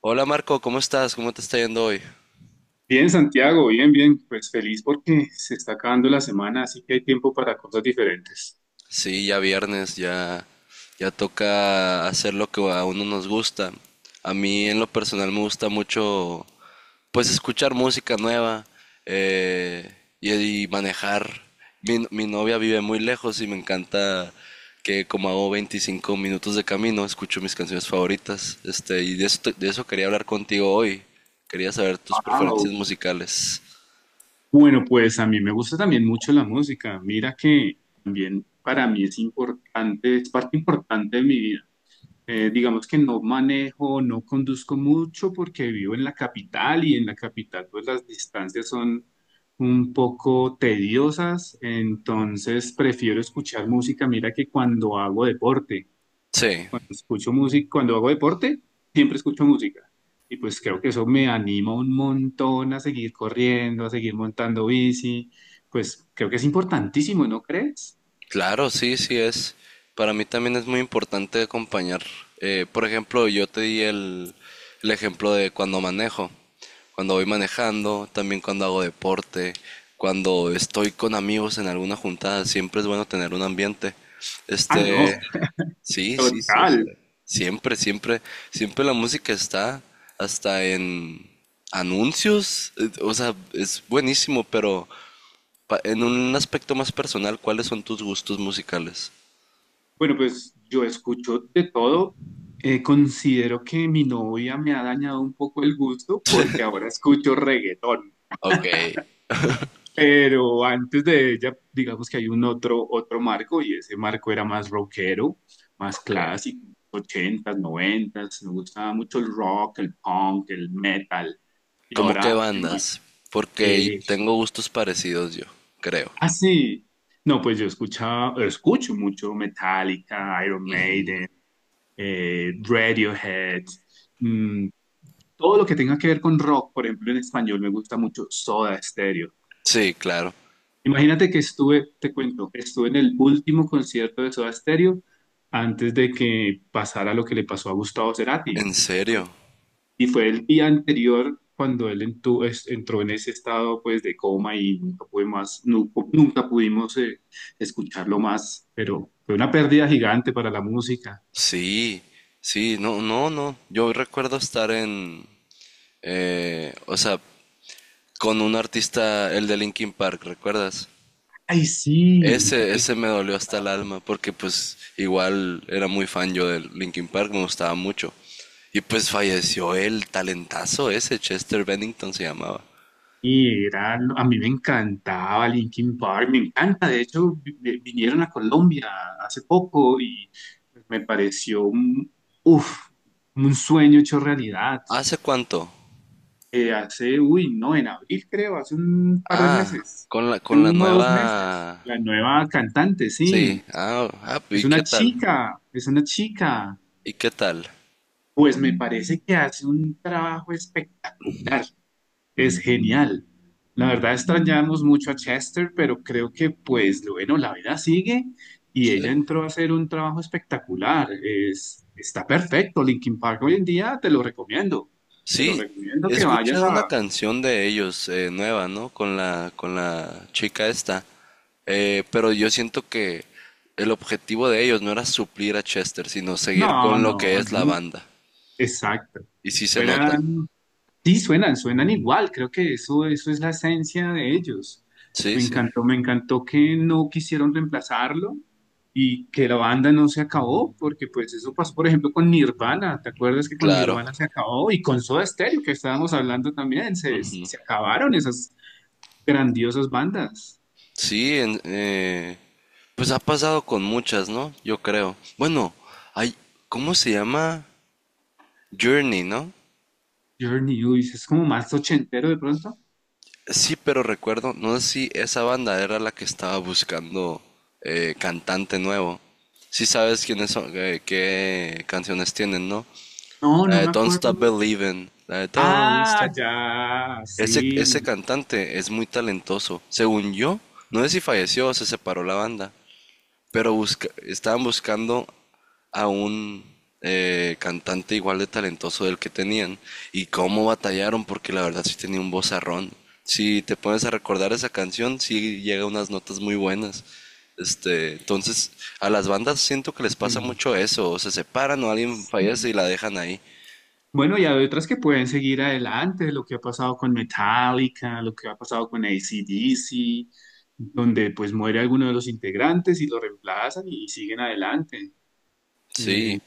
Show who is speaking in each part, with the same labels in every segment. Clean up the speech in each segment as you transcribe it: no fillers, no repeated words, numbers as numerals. Speaker 1: Hola Marco, ¿cómo estás? ¿Cómo te está yendo hoy?
Speaker 2: Bien, Santiago, bien, bien. Pues feliz porque se está acabando la semana, así que hay tiempo para cosas diferentes.
Speaker 1: Sí, ya viernes, ya, ya toca hacer lo que a uno nos gusta. A mí en lo personal me gusta mucho, pues escuchar música nueva eh, y, y manejar. Mi novia vive muy lejos y me encanta que como hago 25 minutos de camino, escucho mis canciones favoritas. Y de eso quería hablar contigo hoy. Quería saber tus
Speaker 2: Wao.
Speaker 1: preferencias musicales.
Speaker 2: Bueno, pues a mí me gusta también mucho la música. Mira que también para mí es importante, es parte importante de mi vida. Digamos que no manejo, no conduzco mucho porque vivo en la capital y en la capital pues las distancias son un poco tediosas, entonces prefiero escuchar música. Mira que cuando hago deporte.
Speaker 1: Sí.
Speaker 2: Escucho música, cuando hago deporte, siempre escucho música. Y pues creo que eso me anima un montón a seguir corriendo, a seguir montando bici. Pues creo que es importantísimo, ¿no crees?
Speaker 1: Claro, sí, sí es. Para mí también es muy importante acompañar. Por ejemplo, yo te di el ejemplo de cuando manejo, cuando voy manejando, también cuando hago deporte, cuando estoy con amigos en alguna juntada, siempre es bueno tener un ambiente.
Speaker 2: Ah, no,
Speaker 1: Este, sí, sí,
Speaker 2: total.
Speaker 1: siempre. Siempre, siempre, siempre la música está hasta en anuncios, o sea, es buenísimo, pero en un aspecto más personal, ¿cuáles son tus gustos musicales?
Speaker 2: Bueno, pues yo escucho de todo. Considero que mi novia me ha dañado un poco el gusto porque ahora escucho reggaetón.
Speaker 1: Ok,
Speaker 2: Pero antes de ella, digamos que hay un otro, otro marco y ese marco era más rockero, más
Speaker 1: ok.
Speaker 2: clásico, ochentas, noventas. Me gustaba mucho el rock, el punk, el metal. Y
Speaker 1: ¿Cómo qué
Speaker 2: ahora,
Speaker 1: bandas? Porque
Speaker 2: eh,
Speaker 1: tengo gustos parecidos yo, creo.
Speaker 2: ah, sí, no, pues escucho mucho Metallica, Iron Maiden, Radiohead, mm, todo lo que tenga que ver con rock, por ejemplo, en español me gusta mucho Soda Stereo.
Speaker 1: Sí, claro.
Speaker 2: Imagínate que estuve en el último concierto de Soda Stereo antes de que pasara lo que le pasó a Gustavo Cerati.
Speaker 1: ¿En
Speaker 2: Fue-
Speaker 1: serio?
Speaker 2: Y fue el día anterior cuando él entró en ese estado pues de coma y nunca pudimos escucharlo más, pero fue una pérdida gigante para la música.
Speaker 1: Sí, sí, no, no, no. Yo recuerdo estar en, o sea, con un artista, el de Linkin Park, ¿recuerdas?
Speaker 2: Ay, sí.
Speaker 1: Ese me dolió hasta el alma, porque pues igual era muy fan yo del Linkin Park, me gustaba mucho. Y pues falleció el talentazo ese, Chester Bennington se llamaba.
Speaker 2: Y era, a mí me encantaba Linkin Park, me encanta. De hecho, vinieron a Colombia hace poco y pues, me pareció un, uf, un sueño hecho realidad.
Speaker 1: ¿Hace cuánto?
Speaker 2: Hace, uy, no, en abril creo, hace un par de
Speaker 1: Ah,
Speaker 2: meses,
Speaker 1: con la,
Speaker 2: hace
Speaker 1: con la
Speaker 2: uno o dos meses.
Speaker 1: nueva.
Speaker 2: La nueva cantante,
Speaker 1: Sí,
Speaker 2: sí,
Speaker 1: ah, ah, ¿y qué tal?
Speaker 2: es una chica.
Speaker 1: ¿Y qué tal?
Speaker 2: Pues me parece que hace un trabajo espectacular. Es genial. La verdad extrañamos mucho a Chester, pero creo que pues lo bueno, la vida sigue y ella
Speaker 1: Sí.
Speaker 2: entró a hacer un trabajo espectacular. Es, está perfecto. Linkin Park hoy en día te lo recomiendo. Te lo
Speaker 1: Sí,
Speaker 2: recomiendo
Speaker 1: he
Speaker 2: que vayas
Speaker 1: escuchado una
Speaker 2: a...
Speaker 1: canción de ellos, nueva, ¿no? Con la chica esta. Pero yo siento que el objetivo de ellos no era suplir a Chester, sino seguir
Speaker 2: No,
Speaker 1: con lo que
Speaker 2: no,
Speaker 1: es la
Speaker 2: no.
Speaker 1: banda.
Speaker 2: Exacto.
Speaker 1: Y sí se nota.
Speaker 2: Fueran sí, suenan, suenan igual, creo que eso es la esencia de ellos.
Speaker 1: Sí, sí.
Speaker 2: Me encantó que no quisieron reemplazarlo y que la banda no se acabó, porque pues eso pasó, por ejemplo, con Nirvana, ¿te acuerdas que con
Speaker 1: Claro.
Speaker 2: Nirvana se acabó? Y con Soda Stereo, que estábamos hablando también, se acabaron esas grandiosas bandas.
Speaker 1: Sí, pues ha pasado con muchas, ¿no? Yo creo. Bueno, hay, ¿cómo se llama? Journey, ¿no?
Speaker 2: Journey, uy, es como más ochentero de pronto.
Speaker 1: Sí, pero recuerdo, no sé si esa banda era la que estaba buscando cantante nuevo. Sí sabes quiénes son, qué canciones tienen, ¿no?
Speaker 2: No,
Speaker 1: La
Speaker 2: no
Speaker 1: de
Speaker 2: me
Speaker 1: Don't
Speaker 2: acuerdo
Speaker 1: Stop
Speaker 2: mucho.
Speaker 1: Believing, la de Don't
Speaker 2: Ah,
Speaker 1: Stop.
Speaker 2: ya,
Speaker 1: Ese
Speaker 2: sí.
Speaker 1: cantante es muy talentoso. Según yo, no sé si falleció o se separó la banda. Pero estaban buscando a un cantante igual de talentoso del que tenían. Y cómo batallaron, porque la verdad sí tenía un vozarrón. Si te pones a recordar esa canción, sí llega a unas notas muy buenas. Entonces, a las bandas siento que les pasa
Speaker 2: Sí.
Speaker 1: mucho eso. O se separan o alguien fallece y la dejan ahí.
Speaker 2: Bueno, y hay otras que pueden seguir adelante, lo que ha pasado con Metallica, lo que ha pasado con AC/DC, donde pues muere alguno de los integrantes y lo reemplazan y siguen adelante. Eh,
Speaker 1: Sí.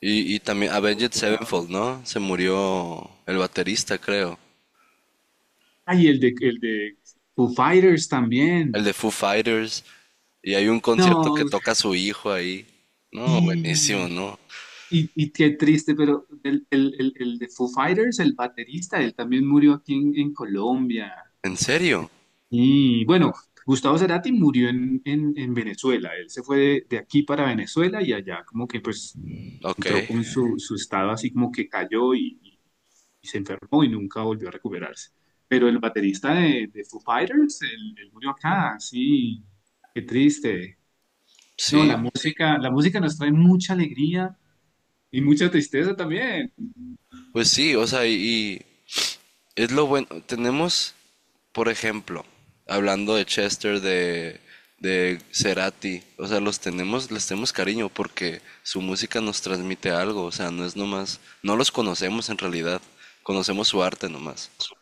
Speaker 1: Y también Avenged Sevenfold,
Speaker 2: Afortunados.
Speaker 1: ¿no? Se murió el baterista, creo.
Speaker 2: Ah, y el de Foo Fighters
Speaker 1: El
Speaker 2: también.
Speaker 1: de Foo Fighters, y hay un concierto que
Speaker 2: No,
Speaker 1: toca su hijo ahí. No, buenísimo,
Speaker 2: sí.
Speaker 1: ¿no?
Speaker 2: Y qué triste, pero el de Foo Fighters, el baterista, él también murió aquí en Colombia.
Speaker 1: ¿En serio?
Speaker 2: Y bueno, Gustavo Cerati murió en Venezuela. Él se fue de aquí para Venezuela y allá como que pues
Speaker 1: Ok,
Speaker 2: entró con su, su estado así como que cayó y se enfermó y nunca volvió a recuperarse. Pero el baterista de Foo Fighters, él murió acá, sí, qué triste. No,
Speaker 1: sí,
Speaker 2: la música nos trae mucha alegría y mucha tristeza también.
Speaker 1: pues sí, o sea, y es lo bueno. Tenemos, por ejemplo, hablando de Chester, de, de, Cerati, o sea, los tenemos, les tenemos cariño porque su música nos transmite algo, o sea, no es nomás, no los conocemos en realidad, conocemos su arte nomás.
Speaker 2: Nos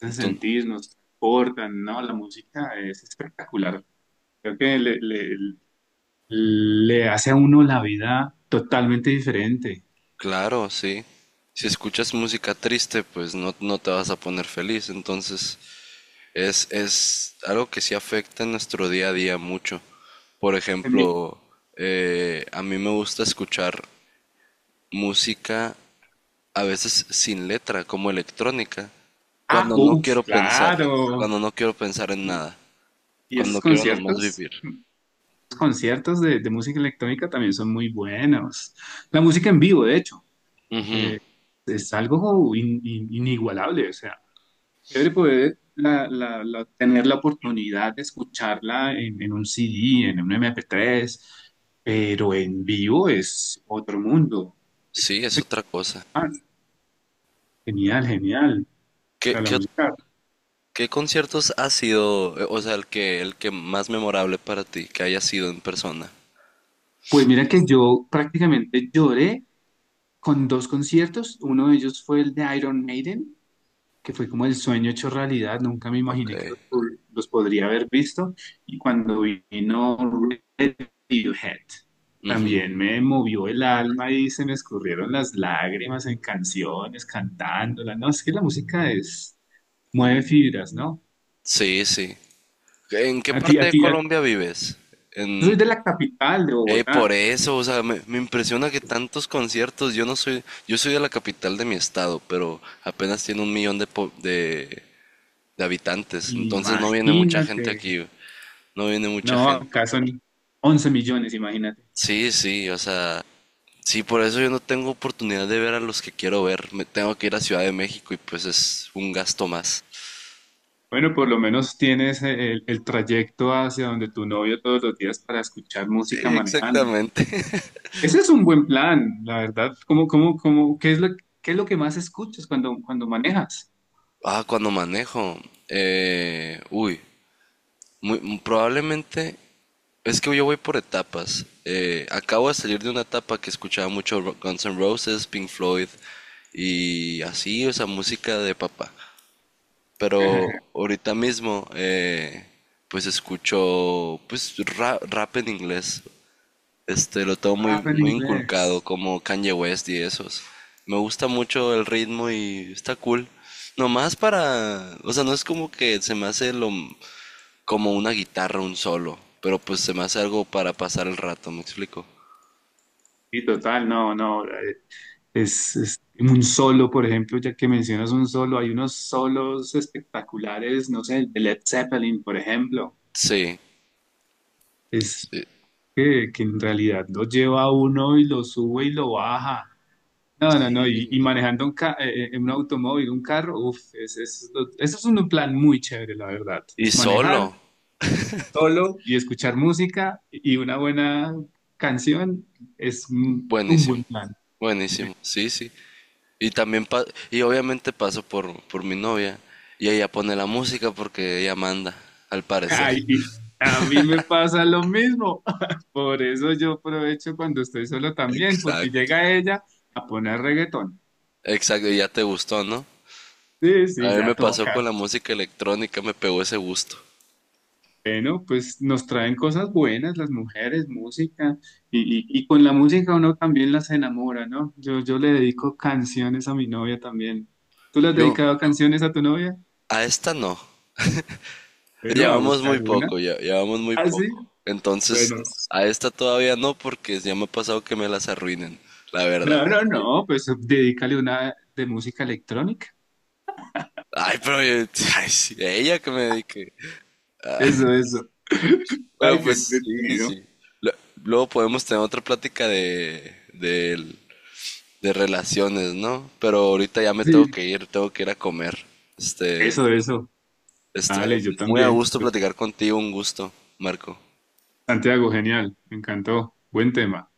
Speaker 2: hace
Speaker 1: Entonces.
Speaker 2: sentir, nos transportan, ¿no? La música es espectacular. Creo que le hace a uno la vida totalmente diferente.
Speaker 1: Claro, sí. Si escuchas música triste, pues no, no te vas a poner feliz. Entonces, es algo que sí afecta en nuestro día a día mucho. Por
Speaker 2: También-
Speaker 1: ejemplo, a mí me gusta escuchar música a veces sin letra, como electrónica,
Speaker 2: Ah,
Speaker 1: cuando no quiero
Speaker 2: uff,
Speaker 1: pensar,
Speaker 2: claro.
Speaker 1: cuando no quiero pensar en nada,
Speaker 2: Y esos
Speaker 1: cuando quiero nomás
Speaker 2: conciertos,
Speaker 1: vivir.
Speaker 2: los conciertos de música electrónica también son muy buenos. La música en vivo, de hecho,
Speaker 1: Ujú.
Speaker 2: eh, es algo inigualable. O sea, chévere poder tener la oportunidad de escucharla en un CD, en un MP3, pero en vivo es otro mundo.
Speaker 1: Sí, es otra cosa.
Speaker 2: Ah, genial, genial. O
Speaker 1: ¿Qué,
Speaker 2: sea, la
Speaker 1: qué
Speaker 2: música.
Speaker 1: ¿Qué conciertos ha sido, o sea, el que más memorable para ti, que haya sido en persona?
Speaker 2: Pues mira que yo prácticamente lloré con dos conciertos. Uno de ellos fue el de Iron Maiden, que fue como el sueño hecho realidad. Nunca me
Speaker 1: Ok.
Speaker 2: imaginé que los podría haber visto. Y cuando vino Radiohead, también me movió el alma y se me escurrieron las lágrimas en canciones, cantándola. No, es que la música es, mueve fibras, ¿no?
Speaker 1: Sí, sí. ¿En qué
Speaker 2: A ti,
Speaker 1: parte
Speaker 2: a
Speaker 1: de
Speaker 2: ti, a-
Speaker 1: Colombia vives?
Speaker 2: yo soy de
Speaker 1: En.
Speaker 2: la capital de
Speaker 1: Por
Speaker 2: Bogotá.
Speaker 1: eso, o sea, me impresiona que tantos conciertos, yo no soy, yo soy de la capital de mi estado, pero apenas tiene un millón de habitantes, entonces no viene mucha
Speaker 2: Imagínate.
Speaker 1: gente aquí, no viene mucha
Speaker 2: No,
Speaker 1: gente.
Speaker 2: acá son 11 millones, imagínate.
Speaker 1: Sí, sí, o sea, sí, por eso yo no tengo oportunidad de ver a los que quiero ver. Me tengo que ir a Ciudad de México y pues es un gasto más.
Speaker 2: Bueno, por lo menos tienes el trayecto hacia donde tu novio todos los días para escuchar
Speaker 1: Sí,
Speaker 2: música manejando.
Speaker 1: exactamente.
Speaker 2: Ese es un buen plan, la verdad. ¿ qué es qué es lo que más escuchas cuando manejas?
Speaker 1: Ah, cuando manejo. eh, uy, muy, muy probablemente es que yo voy por etapas. Acabo de salir de una etapa que escuchaba mucho Guns N' Roses, Pink Floyd y así, o sea, música de papá. Pero ahorita mismo, pues escucho pues rap en inglés. Lo tengo
Speaker 2: Rap
Speaker 1: muy,
Speaker 2: en
Speaker 1: muy
Speaker 2: inglés.
Speaker 1: inculcado, como Kanye West y esos. Me gusta mucho el ritmo y está cool. Nomás para, o sea, no es como que se me hace lo, como una guitarra, un solo, pero pues se me hace algo para pasar el rato, ¿me explico?
Speaker 2: Sí, total, no, no. Es un solo, por ejemplo, ya que mencionas un solo, hay unos solos espectaculares, no sé, el de Led Zeppelin, por ejemplo.
Speaker 1: Sí,
Speaker 2: Es
Speaker 1: sí,
Speaker 2: que en realidad lo lleva a uno y lo sube y lo baja. No, no, no, y
Speaker 1: sí.
Speaker 2: manejando un automóvil, un carro, uff, es, eso es un plan muy chévere, la verdad.
Speaker 1: Y
Speaker 2: Manejar
Speaker 1: solo,
Speaker 2: solo y escuchar música y una buena canción es un
Speaker 1: buenísimo,
Speaker 2: buen plan.
Speaker 1: buenísimo, sí, sí. Y también, y obviamente paso por mi novia y ella pone la música porque ella manda, al parecer.
Speaker 2: Ay, y a mí me pasa lo mismo. Por eso yo aprovecho cuando estoy solo también, porque
Speaker 1: Exacto.
Speaker 2: llega ella a poner reggaetón.
Speaker 1: Exacto, y ya te gustó, ¿no?
Speaker 2: Sí,
Speaker 1: A
Speaker 2: sí,
Speaker 1: mí me
Speaker 2: ya
Speaker 1: pasó con
Speaker 2: toca.
Speaker 1: la música electrónica, me pegó ese gusto.
Speaker 2: Bueno, pues nos traen cosas buenas las mujeres, música, y con la música uno también las enamora, ¿no? Yo le dedico canciones a mi novia también. ¿Tú le has
Speaker 1: Yo,
Speaker 2: dedicado canciones a tu novia?
Speaker 1: A esta no.
Speaker 2: Bueno, a
Speaker 1: Llevamos muy
Speaker 2: buscar una.
Speaker 1: poco, ya, llevamos muy
Speaker 2: ¿Ah, sí?
Speaker 1: poco. Entonces,
Speaker 2: Bueno.
Speaker 1: a esta todavía no, porque ya me ha pasado que me las arruinen, la verdad.
Speaker 2: No, no, no, pues dedícale una de música electrónica.
Speaker 1: Ay, pero ay, sí, ella que me dedique.
Speaker 2: Eso, eso.
Speaker 1: Pero
Speaker 2: Ay, qué
Speaker 1: pues sí,
Speaker 2: entretenido.
Speaker 1: sí. Lo- Luego podemos tener otra plática de, de relaciones, ¿no? Pero ahorita ya me
Speaker 2: Sí.
Speaker 1: tengo que ir a comer. Este,
Speaker 2: Eso, eso.
Speaker 1: Este,
Speaker 2: Dale, yo
Speaker 1: muy a
Speaker 2: también.
Speaker 1: gusto platicar contigo, un gusto, Marco.
Speaker 2: Santiago, genial. Me encantó. Buen tema.